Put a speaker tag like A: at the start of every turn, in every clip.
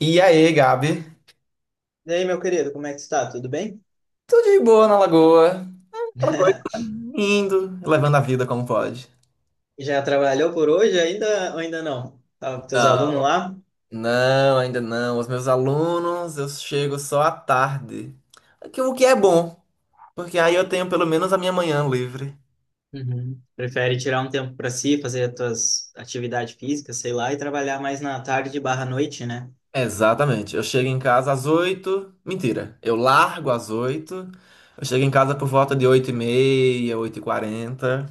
A: E aí, Gabi?
B: E aí, meu querido, como é que está? Tudo bem?
A: Tudo de boa na lagoa? Aquela coisa indo, levando a vida como pode.
B: Já trabalhou por hoje ainda ou ainda não? Tá com teus alunos
A: Não,
B: lá?
A: não, ainda não. Os meus alunos, eu chego só à tarde. O que é bom, porque aí eu tenho pelo menos a minha manhã livre.
B: Uhum. Prefere tirar um tempo para si, fazer as tuas atividades físicas, sei lá, e trabalhar mais na tarde barra noite, né?
A: Exatamente. Eu chego em casa às 8. Mentira, eu largo às 8. Eu chego em casa por volta de 8:30, 8:40.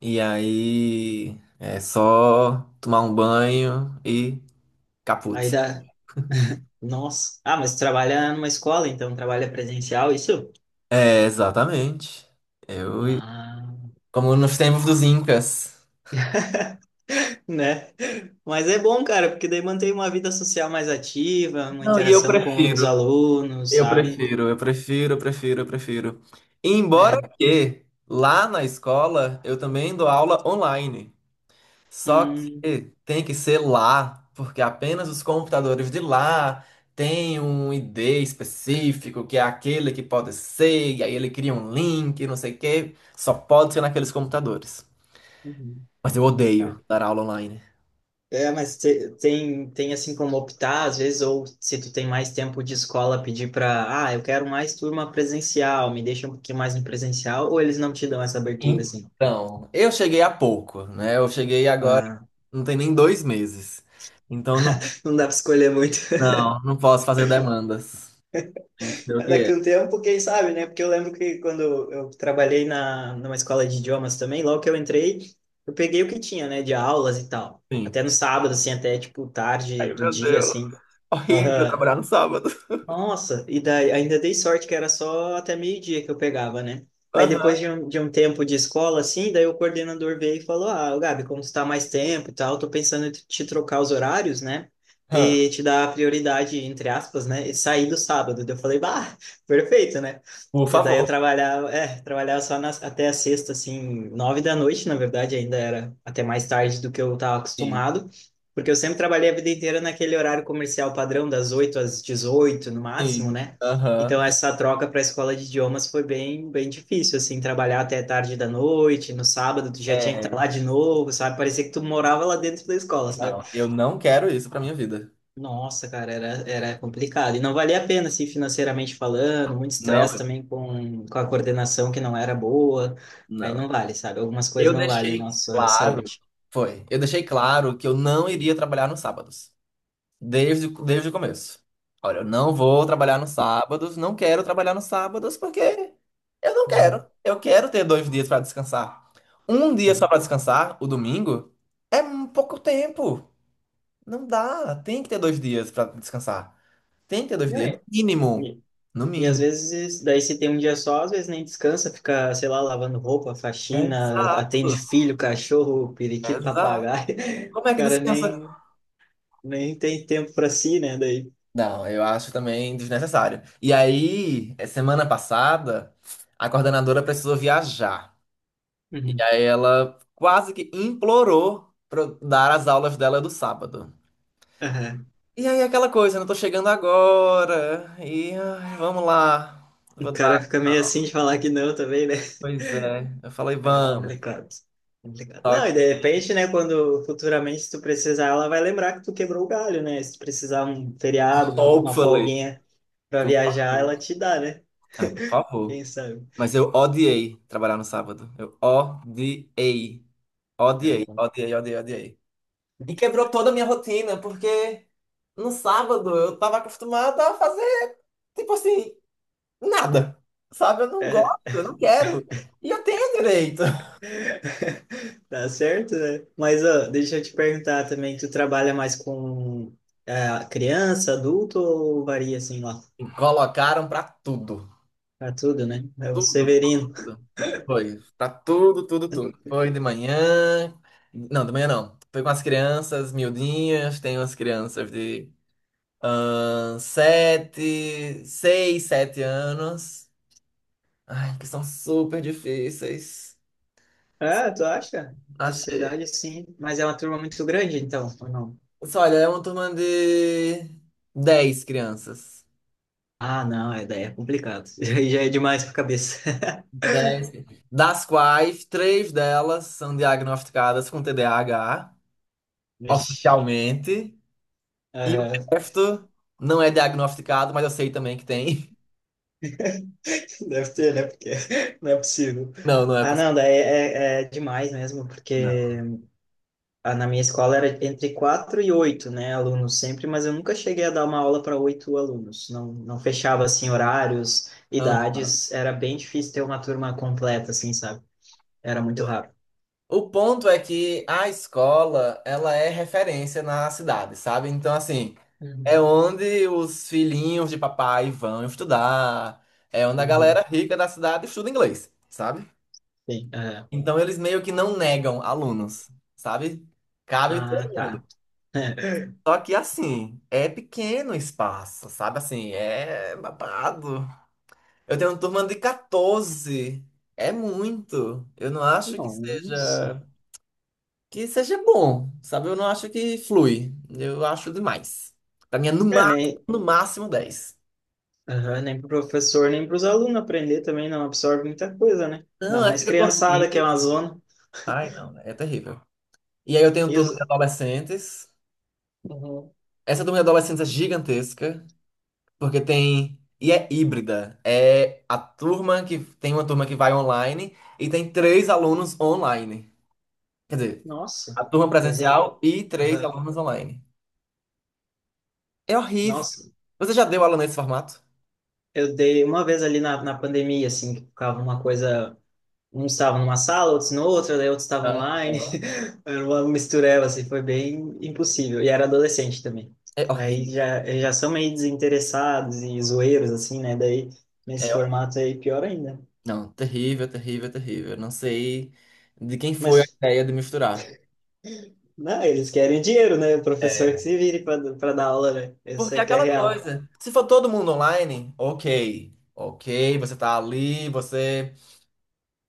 A: E aí é só tomar um banho e
B: Aí
A: caput.
B: dá... Nossa. Ah, mas trabalha numa escola, então trabalha presencial, isso?
A: É, exatamente. Eu,
B: Ah.
A: como nos tempos dos Incas.
B: Né? Mas é bom, cara, porque daí mantém uma vida social mais ativa, uma
A: Não, e eu
B: interação com os
A: prefiro,
B: alunos,
A: eu
B: sabe?
A: prefiro, eu prefiro, eu prefiro, eu prefiro. Embora
B: É...
A: que lá na escola eu também dou aula online. Só
B: Hum.
A: que tem que ser lá, porque apenas os computadores de lá têm um ID específico, que é aquele que pode ser, e aí ele cria um link, não sei o quê. Só pode ser naqueles computadores.
B: Uhum.
A: Mas eu odeio dar aula online.
B: É, mas tem assim como optar, às vezes, ou se tu tem mais tempo de escola, pedir para, ah, eu quero mais turma presencial, me deixa um pouquinho mais no presencial, ou eles não te dão essa abertura, assim.
A: Então, eu cheguei há pouco, né? Eu cheguei agora,
B: Ah,
A: não tem nem 2 meses. Então, não,
B: não dá para escolher muito.
A: não, não posso fazer demandas. Tem que ser o que
B: Daqui
A: é.
B: a um tempo, quem sabe, né? Porque eu lembro que quando eu trabalhei numa escola de idiomas também, logo que eu entrei, eu peguei o que tinha, né, de aulas e tal.
A: Sim.
B: Até no sábado, assim, até tipo tarde
A: Ai,
B: do
A: meu
B: dia,
A: Deus.
B: assim.
A: Horrível
B: Aham.
A: trabalhar no sábado.
B: Nossa, e daí ainda dei sorte que era só até meio-dia que eu pegava, né? Aí depois
A: Aham.
B: de um tempo de escola, assim, daí o coordenador veio e falou: Ah, ô Gabi, como tu tá mais tempo e tal, tô pensando em te trocar os horários, né?
A: Aham.
B: E te dar a prioridade, entre aspas, né? E sair do sábado. Daí eu falei: Bah, perfeito, né?
A: Por
B: Porque daí eu
A: favor.
B: trabalhava, é, trabalhava só nas- até a sexta, assim, nove da noite, na verdade, ainda era até mais tarde do que eu tava
A: Sim,
B: acostumado. Porque eu sempre trabalhei a vida inteira naquele horário comercial padrão, das 8 às 18 no máximo,
A: sim.
B: né?
A: Aham.
B: Então essa troca para a escola de idiomas foi bem difícil, assim, trabalhar até tarde da noite, no sábado tu já tinha que estar
A: É.
B: lá de novo, sabe? Parecia que tu morava lá dentro da escola, sabe?
A: Não, eu não quero isso pra minha vida.
B: Nossa, cara, era complicado. E não valia a pena, assim, financeiramente falando, muito
A: Não,
B: estresse também com a coordenação que não era boa. Aí
A: não.
B: não vale, sabe? Algumas coisas
A: Eu
B: não valem a
A: deixei
B: nossa
A: claro.
B: saúde.
A: Foi. Eu deixei claro que eu não iria trabalhar nos sábados. Desde o começo. Olha, eu não vou trabalhar nos sábados, não quero trabalhar nos sábados porque eu não quero.
B: Uhum,
A: Eu quero ter dois dias para descansar. Um dia só
B: sim.
A: para descansar, o domingo, é um pouco tempo. Não dá. Tem que ter dois dias para descansar. Tem que ter dois
B: Não
A: dias,
B: é.
A: no mínimo. No
B: E às
A: mínimo.
B: vezes, daí se tem um dia só, às vezes nem descansa, fica, sei lá, lavando roupa, faxina,
A: Exato,
B: atende filho, cachorro, periquito,
A: exato.
B: papagaio.
A: Como
B: O
A: é que
B: cara
A: descansa?
B: nem, nem tem tempo para si, né? Daí.
A: Não, eu acho também desnecessário. E aí, semana passada, a coordenadora precisou viajar. E
B: Uhum.
A: aí ela quase que implorou pra eu dar as aulas dela do sábado.
B: Aham.
A: E aí aquela coisa, não tô chegando agora. E ai, vamos lá.
B: O
A: Vou dar.
B: cara fica meio assim de falar que não também, né?
A: Pois é. Eu falei,
B: É
A: vamos.
B: complicado. Complicado.
A: Só
B: Não, e
A: que,
B: de repente, né, quando futuramente se tu precisar, ela vai lembrar que tu quebrou o galho, né? Se tu precisar um feriado, uma
A: hopefully,
B: folguinha pra
A: por
B: viajar,
A: favor.
B: ela te dá, né?
A: Ai, por favor.
B: Quem sabe?
A: Mas eu odiei trabalhar no sábado. Eu odiei.
B: É,
A: Odiei,
B: com-
A: odiei, odiei, odiei. E quebrou toda a minha rotina, porque no sábado eu tava acostumada a fazer, tipo assim. Nada. Sabe? Eu não gosto, eu não quero. E eu tenho direito.
B: Tá certo, né? Mas ó, deixa eu te perguntar também, tu trabalha mais com ah, criança, adulto ou varia assim lá?
A: Colocaram pra tudo.
B: Pra tudo, né? É o
A: Tudo, tudo,
B: Severino.
A: tudo. Foi. Pra tudo, tudo, tudo. Foi de manhã. Não, de manhã não. Foi com as crianças miudinhas. Tem umas crianças de sete, seis, sete anos. Ai, que são super difíceis.
B: Ah, tu acha? A
A: Achei.
B: idade sim, mas é uma turma muito grande, então, ou não?
A: Só, olha, é uma turma de 10 crianças.
B: Ah, não, é, daí é complicado. Aí já é demais pra cabeça.
A: Dez, das quais três delas são diagnosticadas com TDAH
B: Vixe.
A: oficialmente, e o
B: Aham.
A: resto não é diagnosticado, mas eu sei também que tem.
B: Deve ter, né? Porque não é possível.
A: Não, não é
B: Ah,
A: possível.
B: não, daí é, é demais mesmo,
A: Não.
B: porque Ah, na minha escola era entre quatro e oito, né, alunos sempre, mas eu nunca cheguei a dar uma aula para oito alunos. Não fechava assim horários,
A: Aham.
B: idades, era bem difícil ter uma turma completa, assim, sabe? Era muito raro.
A: O ponto é que a escola, ela é referência na cidade, sabe? Então, assim, é
B: Uhum,
A: onde os filhinhos de papai vão estudar, é onde a galera
B: uhum.
A: rica da cidade estuda inglês, sabe?
B: Sim, é.
A: Então eles meio que não negam alunos, sabe? Cabe
B: Ah,
A: todo mundo.
B: tá.
A: Só que assim, é pequeno o espaço, sabe? Assim, é babado. Eu tenho uma turma de 14. É muito. Eu não acho que
B: Nossa.
A: seja que seja bom, sabe? Eu não acho que flui. Eu acho demais. Pra mim é no
B: É,
A: máximo,
B: nem,
A: no máximo 10.
B: aham, nem pro professor, nem para os alunos aprender também não absorve muita coisa, né? Ainda
A: Não, aí
B: mais
A: fica
B: criançada, que é
A: corrido.
B: uma zona.
A: Ai, não, né? É terrível. E aí eu tenho
B: E
A: turma de
B: os...
A: adolescentes.
B: Uhum.
A: Essa turma de adolescentes é gigantesca. Porque tem. E é híbrida. É a turma que. Tem uma turma que vai online e tem três alunos online. Quer dizer,
B: Nossa,
A: a turma
B: presente.
A: presencial e três
B: Aham.
A: alunos online. É horrível.
B: Nossa,
A: Você já deu aula nesse formato?
B: eu dei uma vez ali na pandemia, assim, que ficava uma coisa. Uns estavam numa sala, outros no outra, daí outros estavam
A: Ah,
B: online. Era uma mistureba, assim, foi bem impossível. E era adolescente também.
A: é
B: Daí
A: horrível.
B: já, eles já são meio desinteressados e zoeiros, assim, né? Daí nesse
A: É horrível.
B: formato aí, pior ainda.
A: Não, terrível, terrível, terrível. Não sei de quem foi a
B: Mas,
A: ideia de misturar.
B: não, eles querem dinheiro, né? O professor que
A: É.
B: se vire para dar aula, né? Isso
A: Porque é
B: é que é
A: aquela
B: real.
A: coisa. Se for todo mundo online, ok. Ok, você tá ali, você.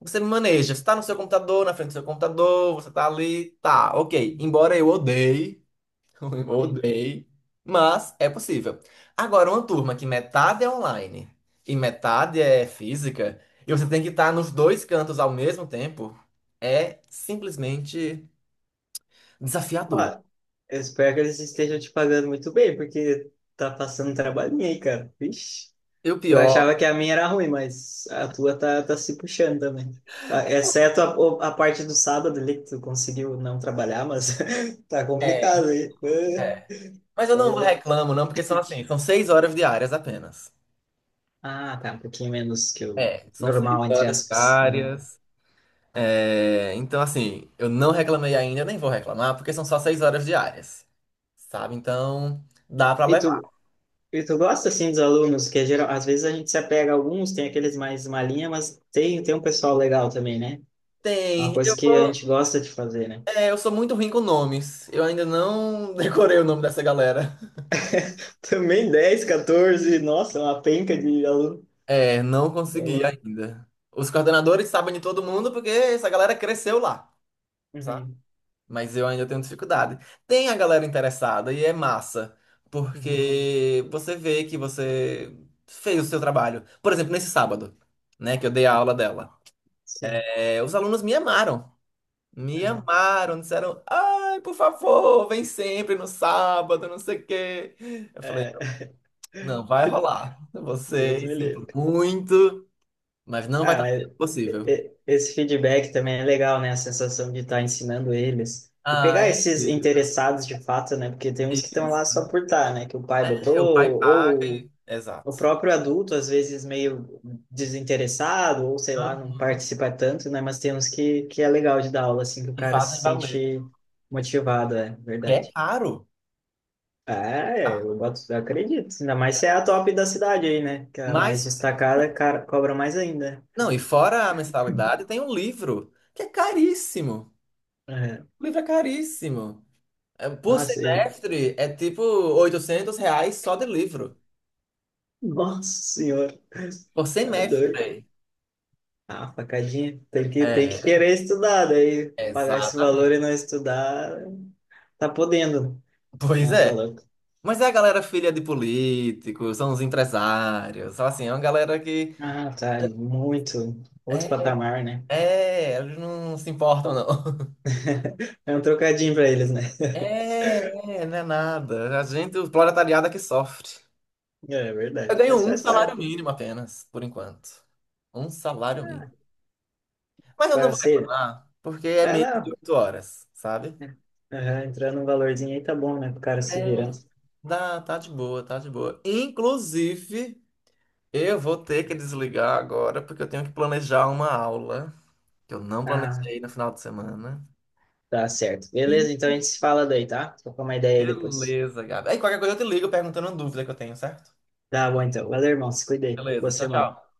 A: Você maneja, você tá no seu computador, na frente do seu computador, você tá ali, tá, ok. Embora eu odeie, eu
B: Sim.
A: odeie, mas é possível. Agora, uma turma que metade é online e metade é física, e você tem que estar nos dois cantos ao mesmo tempo, é simplesmente
B: Ó,
A: desafiador.
B: eu espero que eles estejam te pagando muito bem, porque tá passando um trabalhinho aí, cara. Vixe.
A: E o
B: Eu
A: pior
B: achava que a minha era ruim, mas a tua tá se puxando também. Ah, exceto a parte do sábado ali que tu conseguiu não trabalhar, mas tá
A: é,
B: complicado aí.
A: é.
B: Ah,
A: Mas eu
B: tá
A: não
B: louco.
A: reclamo, não, porque são assim, são 6 horas diárias apenas.
B: Ah, tá, um pouquinho menos que o
A: É, são seis
B: normal, entre
A: horas
B: aspas. Aham.
A: diárias. É, então, assim, eu não reclamei ainda, nem vou reclamar, porque são só 6 horas diárias, sabe? Então, dá pra
B: E
A: levar.
B: tu, e tu gosta, assim, dos alunos, que é geral, às vezes a gente se apega a alguns, tem aqueles mais malinha, mas tem, tem um pessoal legal também, né? É uma
A: Tem,
B: coisa
A: eu
B: que a
A: vou.
B: gente gosta de fazer, né?
A: É, eu sou muito ruim com nomes. Eu ainda não decorei o nome
B: Uhum.
A: dessa galera.
B: Também 10, 14, nossa, uma penca de aluno.
A: É, não
B: Tá
A: consegui
B: louco.
A: ainda. Os coordenadores sabem de todo mundo porque essa galera cresceu lá, sabe?
B: Uhum.
A: Mas eu ainda tenho dificuldade. Tem a galera interessada e é massa,
B: Uhum.
A: porque você vê que você fez o seu trabalho. Por exemplo, nesse sábado, né, que eu dei a aula dela.
B: Sim.
A: É, os alunos me amaram. Me
B: Uhum.
A: amaram, disseram, ai, por favor, vem sempre no sábado, não sei o quê. Eu falei,
B: É.
A: não, vai rolar.
B: Deus
A: Você,
B: me
A: sinto
B: livre.
A: muito, mas não vai
B: Ah,
A: estar
B: mas
A: sendo possível.
B: esse feedback também é legal, né? A sensação de estar ensinando eles. E
A: Ah,
B: pegar
A: é
B: esses
A: incrível.
B: interessados de fato, né? Porque tem uns que estão
A: Isso.
B: lá só por estar, né? Que o pai botou,
A: É, o pai paga e...
B: ou o
A: Exato.
B: próprio adulto, às vezes meio desinteressado, ou sei
A: Hã?
B: lá, não participa tanto, né? Mas tem uns que é legal de dar aula, assim, que o
A: E
B: cara se
A: fazem valer.
B: sente motivado, é
A: É
B: verdade.
A: caro,
B: É,
A: tá?
B: eu boto, eu acredito. Ainda mais se é a top da cidade aí, né? Que é a mais
A: Mas,
B: destacada, cara, cobra mais ainda.
A: não, e fora a mensalidade, tem um livro, que é caríssimo.
B: É.
A: O livro é caríssimo. É, por
B: Nossa, e...
A: semestre é tipo R$ 800 só de livro.
B: Nossa senhora,
A: Por
B: tá doido.
A: semestre.
B: Ah, facadinha. Tem que
A: É,
B: querer estudar, daí pagar esse valor e
A: exatamente.
B: não estudar, tá podendo.
A: Pois
B: Não, tá
A: é.
B: louco.
A: Mas é a galera filha de políticos, são os empresários, são assim, é uma galera que.
B: Ah, tá, muito. Outro
A: É,
B: patamar, né?
A: é, eles não se importam, não.
B: É um trocadinho pra eles, né?
A: É, é, não é nada. A gente, o proletariado é que sofre.
B: É
A: Eu
B: verdade,
A: ganho
B: mas
A: um
B: faz
A: salário
B: parte.
A: mínimo apenas, por enquanto. Um salário mínimo.
B: Ah,
A: Mas eu não vou
B: parceiro.
A: reclamar, porque é
B: É,
A: menos de
B: não.
A: 8 horas, sabe?
B: Aham, entrando um valorzinho aí tá bom, né? Pro cara se
A: É,
B: virando.
A: dá, tá de boa, tá de boa. Inclusive, eu vou ter que desligar agora porque eu tenho que planejar uma aula que eu não
B: Ah,
A: planejei no final de semana.
B: tá certo. Beleza, então a gente se fala daí, tá? Tô com uma ideia aí depois.
A: Beleza, Gabi. Aí qualquer coisa eu te ligo perguntando uma dúvida que eu tenho, certo?
B: Tá bom, então. Valeu, irmão. Se cuida aí. Boa
A: Beleza, tchau,
B: semana.
A: tchau.